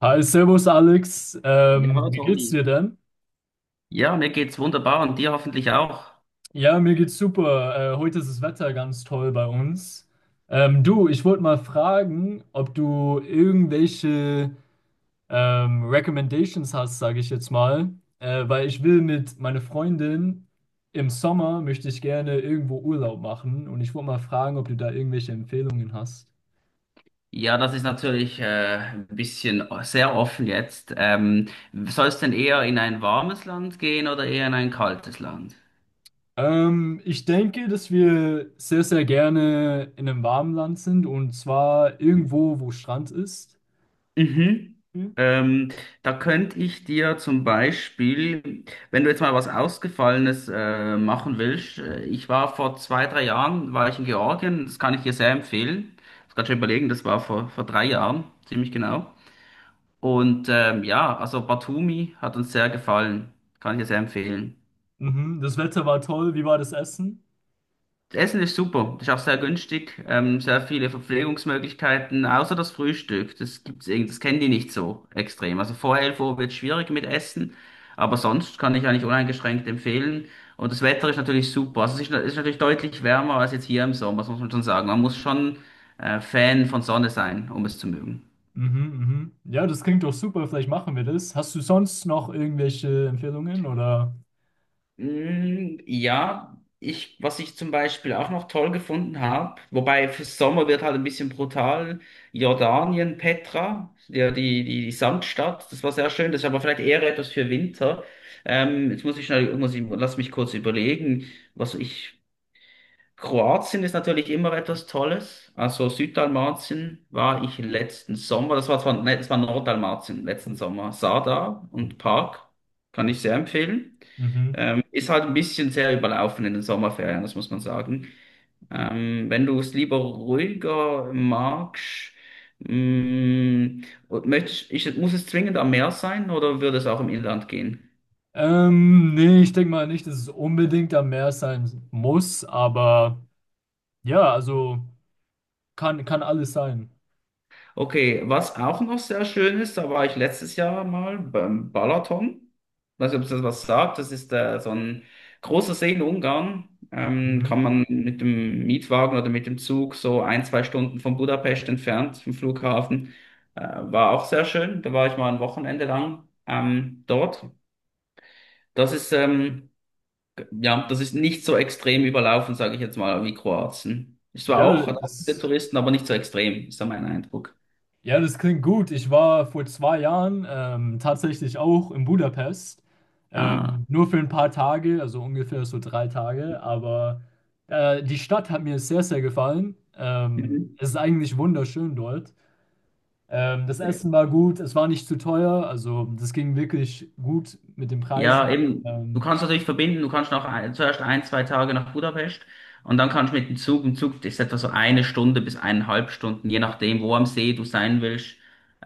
Hi, Servus Alex. Ja, Wie geht's Tommy. dir denn? Ja, mir geht's wunderbar und dir hoffentlich auch. Ja, mir geht's super. Heute ist das Wetter ganz toll bei uns. Du, ich wollte mal fragen, ob du irgendwelche Recommendations hast, sage ich jetzt mal, weil ich will mit meiner Freundin im Sommer möchte ich gerne irgendwo Urlaub machen und ich wollte mal fragen, ob du da irgendwelche Empfehlungen hast. Ja, das ist natürlich ein bisschen sehr offen jetzt. Soll es denn eher in ein warmes Land gehen oder eher in ein kaltes Land? Ich denke, dass wir sehr, sehr gerne in einem warmen Land sind und zwar irgendwo, wo Strand ist. Mhm. Hm? Ähm, Da könnte ich dir zum Beispiel, wenn du jetzt mal was Ausgefallenes machen willst, ich war vor 2, 3 Jahren, war ich in Georgien. Das kann ich dir sehr empfehlen. Ich muss gerade schon überlegen, das war vor 3 Jahren, ziemlich genau. Und ja, also Batumi hat uns sehr gefallen. Kann ich dir sehr empfehlen. Mhm. Das Wetter war toll. Wie war das Essen? Das Essen ist super, ist auch sehr günstig, sehr viele Verpflegungsmöglichkeiten, außer das Frühstück. Das gibt's irgendwie, das kennen die nicht so extrem. Also vor 11 Uhr wird schwierig mit Essen, aber sonst kann ich eigentlich uneingeschränkt empfehlen. Und das Wetter ist natürlich super. Also es ist natürlich deutlich wärmer als jetzt hier im Sommer, das muss man schon sagen. Man muss schon Fan von Sonne sein, um es zu mögen. Mhm, mhm. Ja, das klingt doch super. Vielleicht machen wir das. Hast du sonst noch irgendwelche Empfehlungen oder? Mm, ja, was ich zum Beispiel auch noch toll gefunden habe, wobei für Sommer wird halt ein bisschen brutal, Jordanien, Petra, ja, die Sandstadt, das war sehr schön, das ist aber vielleicht eher etwas für Winter. Jetzt muss ich schnell, muss ich, lass mich kurz überlegen, was ich, Kroatien ist natürlich immer etwas Tolles, also Süddalmatien war ich letzten Sommer, das war zwar, ne, das war Norddalmatien letzten Sommer, Sada und Park, kann ich sehr empfehlen. Mhm. Ist halt ein bisschen sehr überlaufen in den Sommerferien, das muss man sagen. Wenn du es lieber ruhiger magst, mh, und möchtest, muss es zwingend am Meer sein oder würde es auch im Inland gehen? Nee, ich denke mal nicht, dass es unbedingt am Meer sein muss, aber ja, also kann, kann alles sein. Okay, was auch noch sehr schön ist, da war ich letztes Jahr mal beim Balaton. Weiß nicht, ob es das was sagt. Das ist so ein großer See in Ungarn. Mhm. Kann man mit dem Mietwagen oder mit dem Zug so 1, 2 Stunden von Budapest entfernt vom Flughafen. Äh, War auch sehr schön. Da war ich mal ein Wochenende lang dort. Das ist ja, das ist nicht so extrem überlaufen, sage ich jetzt mal, wie Kroatien. Es war Ja, auch, hat auch viele das. Touristen, aber nicht so extrem, ist da mein Eindruck. Ja, das klingt gut. Ich war vor 2 Jahren tatsächlich auch in Budapest. Ah. Nur für ein paar Tage, also ungefähr so 3 Tage. Aber die Stadt hat mir sehr, sehr gefallen. Mhm. Es ist eigentlich wunderschön dort. Das Essen war gut, es war nicht zu teuer. Also das ging wirklich gut mit den Preisen. Ja, eben, du Ähm, kannst natürlich verbinden, du kannst zuerst 1, 2 Tage nach Budapest, und dann kannst du mit dem Zug, im Zug ist etwa so 1 Stunde bis 1,5 Stunden, je nachdem, wo am See du sein willst,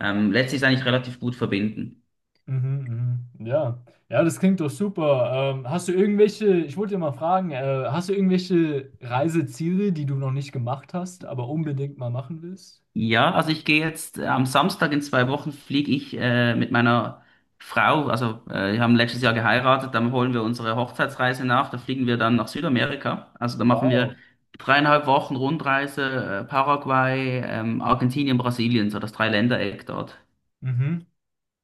lässt sich eigentlich relativ gut verbinden. Mhm, mhm. Ja. Ja, das klingt doch super. Hast du irgendwelche, ich wollte dir mal fragen, hast du irgendwelche Reiseziele, die du noch nicht gemacht hast, aber unbedingt mal machen willst? Ja, also ich gehe jetzt am Samstag in 2 Wochen fliege ich mit meiner Frau, also wir haben letztes Jahr geheiratet, dann holen wir unsere Hochzeitsreise nach, da fliegen wir dann nach Südamerika. Also da machen wir Wow. 3,5 Wochen Rundreise, Paraguay, Argentinien, Brasilien, so das Dreiländereck dort. Mhm.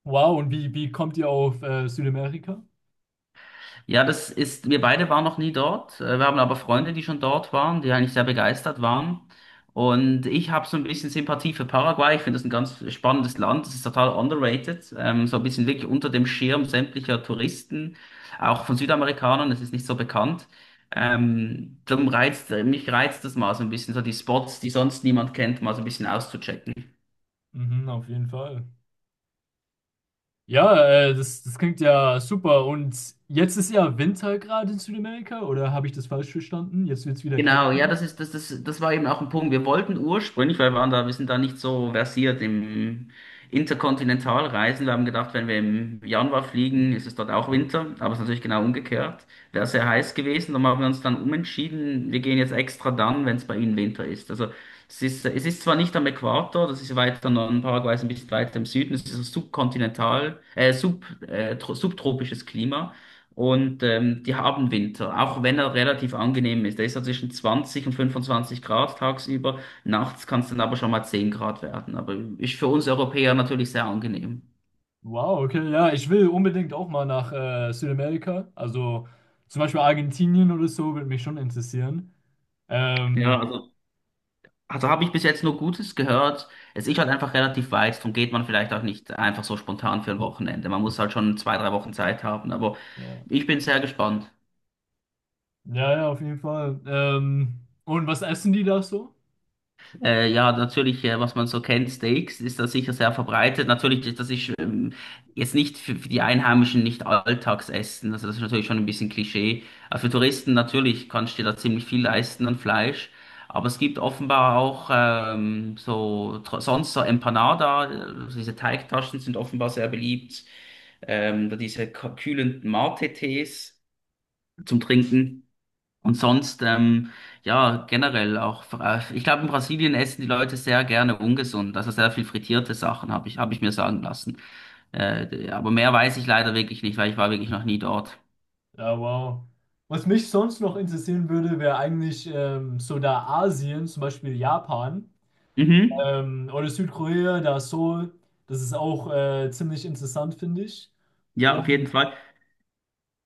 Wow, und wie, wie kommt ihr auf Südamerika? Ja, das ist, wir beide waren noch nie dort. Wir haben aber Freunde, die schon dort waren, die eigentlich sehr begeistert waren. Und ich habe so ein bisschen Sympathie für Paraguay. Ich finde das ein ganz spannendes Land. Das ist total underrated. So ein bisschen wirklich unter dem Schirm sämtlicher Touristen, auch von Südamerikanern. Es ist nicht so bekannt. Darum reizt, mich reizt das mal so ein bisschen, so die Spots, die sonst niemand kennt, mal so ein bisschen auszuchecken. Mhm, auf jeden Fall. Ja, das, das klingt ja super. Und jetzt ist ja Winter gerade in Südamerika, oder habe ich das falsch verstanden? Jetzt wird es wieder kälter. Genau, ja, das ist, das, das, das war eben auch ein Punkt. Wir wollten ursprünglich, weil wir sind da nicht so versiert im Interkontinentalreisen. Wir haben gedacht, wenn wir im Januar fliegen, ist es dort auch Winter, aber es ist natürlich genau umgekehrt. Wäre sehr heiß gewesen, dann haben wir uns dann umentschieden, wir gehen jetzt extra dann, wenn es bei Ihnen Winter ist. Also es ist zwar nicht am Äquator, das ist weiter noch, Paraguay ist ein bisschen weiter im Süden, es ist ein subkontinental, subtropisches Klima. Und die haben Winter, auch wenn er relativ angenehm ist. Der ist so zwischen 20 und 25 Grad tagsüber. Nachts kann es dann aber schon mal 10 Grad werden. Aber ist für uns Europäer natürlich sehr angenehm. Wow, okay. Ja, ich will unbedingt auch mal nach Südamerika. Also zum Beispiel Argentinien oder so würde mich schon interessieren. Ähm, Ja, also habe ich bis jetzt nur Gutes gehört. Es ist halt einfach relativ weit, darum geht man vielleicht auch nicht einfach so spontan für ein Wochenende. Man muss halt schon 2, 3 Wochen Zeit haben. Aber ja. ich bin sehr gespannt. Ja, ja, auf jeden Fall. Und was essen die da so? Ja, natürlich, was man so kennt, Steaks ist da sicher sehr verbreitet. Natürlich, das ist jetzt nicht für die Einheimischen nicht Alltagsessen. Also das ist natürlich schon ein bisschen Klischee. Aber für Touristen natürlich kannst du dir da ziemlich viel leisten an Fleisch. Aber es gibt offenbar auch so sonst so Empanada, also diese Teigtaschen sind offenbar sehr beliebt. Da diese kühlenden Mate-Tees zum Trinken. Und sonst, ja, generell auch, ich glaube, in Brasilien essen die Leute sehr gerne ungesund, also sehr viel frittierte Sachen, habe ich mir sagen lassen. Aber mehr weiß ich leider wirklich nicht, weil ich war wirklich noch nie dort. Ja, wow. Was mich sonst noch interessieren würde, wäre eigentlich so da Asien, zum Beispiel Japan Mhm. Oder Südkorea, da Seoul. Das ist auch ziemlich interessant, finde ich. Ja, auf jeden Und Fall.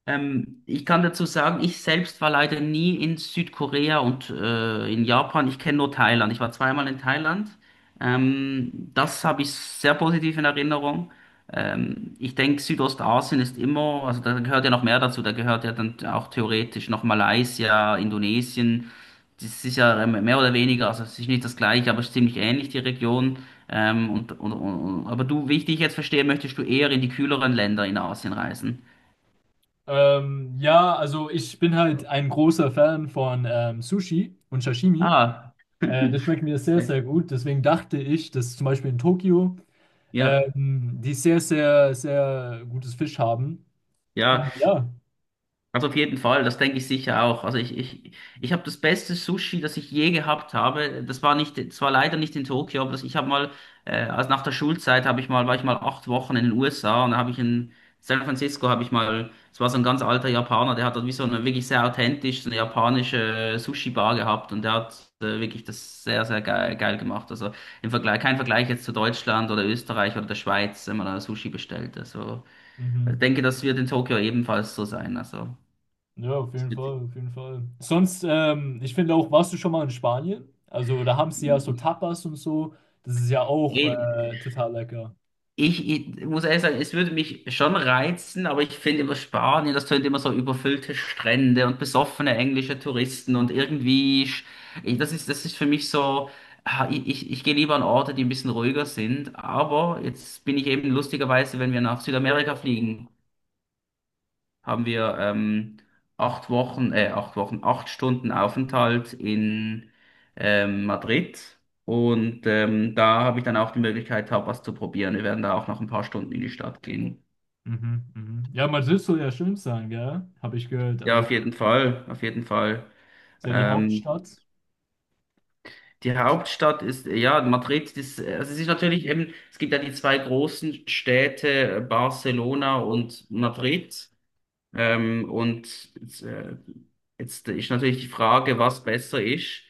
Ich kann dazu sagen, ich selbst war leider nie in Südkorea und in Japan. Ich kenne nur Thailand. Ich war zweimal in Thailand. Das habe ich sehr positiv in Erinnerung. Ich denke, Südostasien ist immer, also da gehört ja noch mehr dazu. Da gehört ja dann auch theoretisch noch Malaysia, Indonesien. Das ist ja mehr oder weniger, also es ist nicht das gleiche, aber es ist ziemlich ähnlich, die Region. Aber du, wie ich dich jetzt verstehe, möchtest du eher in die kühleren Länder in Asien reisen. Ja, also ich bin halt ein großer Fan von Sushi und Sashimi. Ah. Das schmeckt mir sehr, Ja, sehr gut. Deswegen dachte ich, dass zum Beispiel in Tokio ja, die sehr, sehr, sehr gutes Fisch haben. ja, Und ja, also auf jeden Fall, das denke ich sicher auch. Also ich habe das beste Sushi, das ich je gehabt habe. Das war nicht, das war leider nicht in Tokio, aber das, ich habe mal, also nach der Schulzeit habe ich mal, war ich mal 8 Wochen in den USA, und da habe ich in San Francisco habe ich mal, es war so ein ganz alter Japaner, der hat dort wie so eine wirklich sehr authentisch, so eine japanische Sushi-Bar gehabt, und der hat wirklich das sehr, sehr geil, geil gemacht. Also im Vergleich, kein Vergleich jetzt zu Deutschland oder Österreich oder der Schweiz, wenn man da Sushi bestellt. Also ich mhm. denke, das wird in Tokio ebenfalls so sein. Also, Ja, auf es jeden wird, Fall, auf jeden Fall. Sonst, ich finde auch, warst du schon mal in Spanien? Also da haben sie ja so Tapas und so. Das ist ja auch total lecker. ich muss ehrlich sagen, es würde mich schon reizen, aber ich finde immer Spanien, das tönt immer so überfüllte Strände und besoffene englische Touristen und Mhm, irgendwie, das ist für mich so, ich gehe lieber an Orte, die ein bisschen ruhiger sind. Aber jetzt bin ich eben lustigerweise, wenn wir nach Südamerika fliegen, haben wir 8 Wochen, 8 Wochen, 8 Stunden Aufenthalt in Madrid. Und da habe ich dann auch die Möglichkeit, Tapas zu probieren. Wir werden da auch noch ein paar Stunden in die Stadt gehen. mhm. Ja, Madrid soll ja schön sein, gell? Habe ich gehört. Ja, Also auf jeden Fall, auf jeden Fall. ist ja die Ähm, Hauptstadt. Die Hauptstadt ist, ja, Madrid, das, also es ist natürlich eben, es gibt ja die zwei großen Städte, Barcelona und Madrid. Und äh, jetzt ist natürlich die Frage, was besser ist.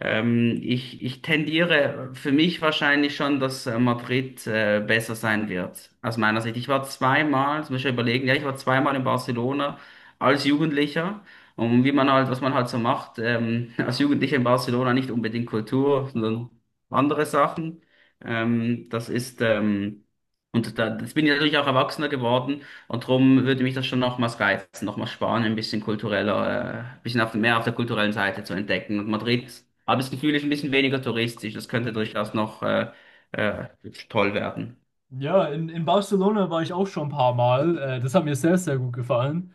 Ich tendiere für mich wahrscheinlich schon, dass Madrid besser sein wird, aus meiner Sicht. Ich war zweimal, das muss ich schon überlegen, ja, ich war zweimal in Barcelona als Jugendlicher. Und wie man halt, was man halt so macht, als Jugendlicher in Barcelona nicht unbedingt Kultur, sondern andere Sachen. Das ist, und da, jetzt bin ich natürlich auch erwachsener geworden. Und darum würde mich das schon nochmals reizen, nochmals Spanien ein bisschen kultureller, ein bisschen mehr auf der kulturellen Seite zu entdecken. Und Madrid, habe ich das Gefühl, ist ein bisschen weniger touristisch. Das könnte durchaus noch äh, toll werden. Ja, in Barcelona war ich auch schon ein paar Mal. Das hat mir sehr, sehr gut gefallen.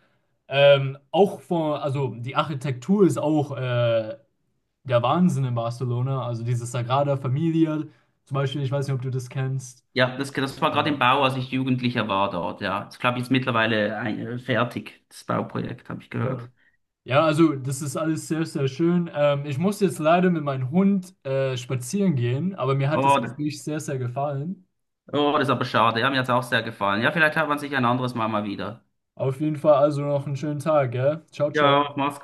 Auch von, also die Architektur ist auch der Wahnsinn in Barcelona. Also diese Sagrada Familia zum Beispiel, ich weiß nicht, ob du das kennst. Ja, das war gerade im Ähm, Bau, als ich Jugendlicher war dort. Ja, das glaube ich jetzt mittlerweile fertig, das Bauprojekt, habe ich ja. gehört. Ja, also das ist alles sehr, sehr schön. Ich muss jetzt leider mit meinem Hund spazieren gehen, aber mir hat das Oh, da- Gespräch sehr, sehr gefallen. oh, das ist aber schade. Ja, mir hat's auch sehr gefallen. Ja, vielleicht hört man sich ein anderes Mal mal wieder. Auf jeden Fall also noch einen schönen Tag, gell? Ciao, ciao. Ja, mach's.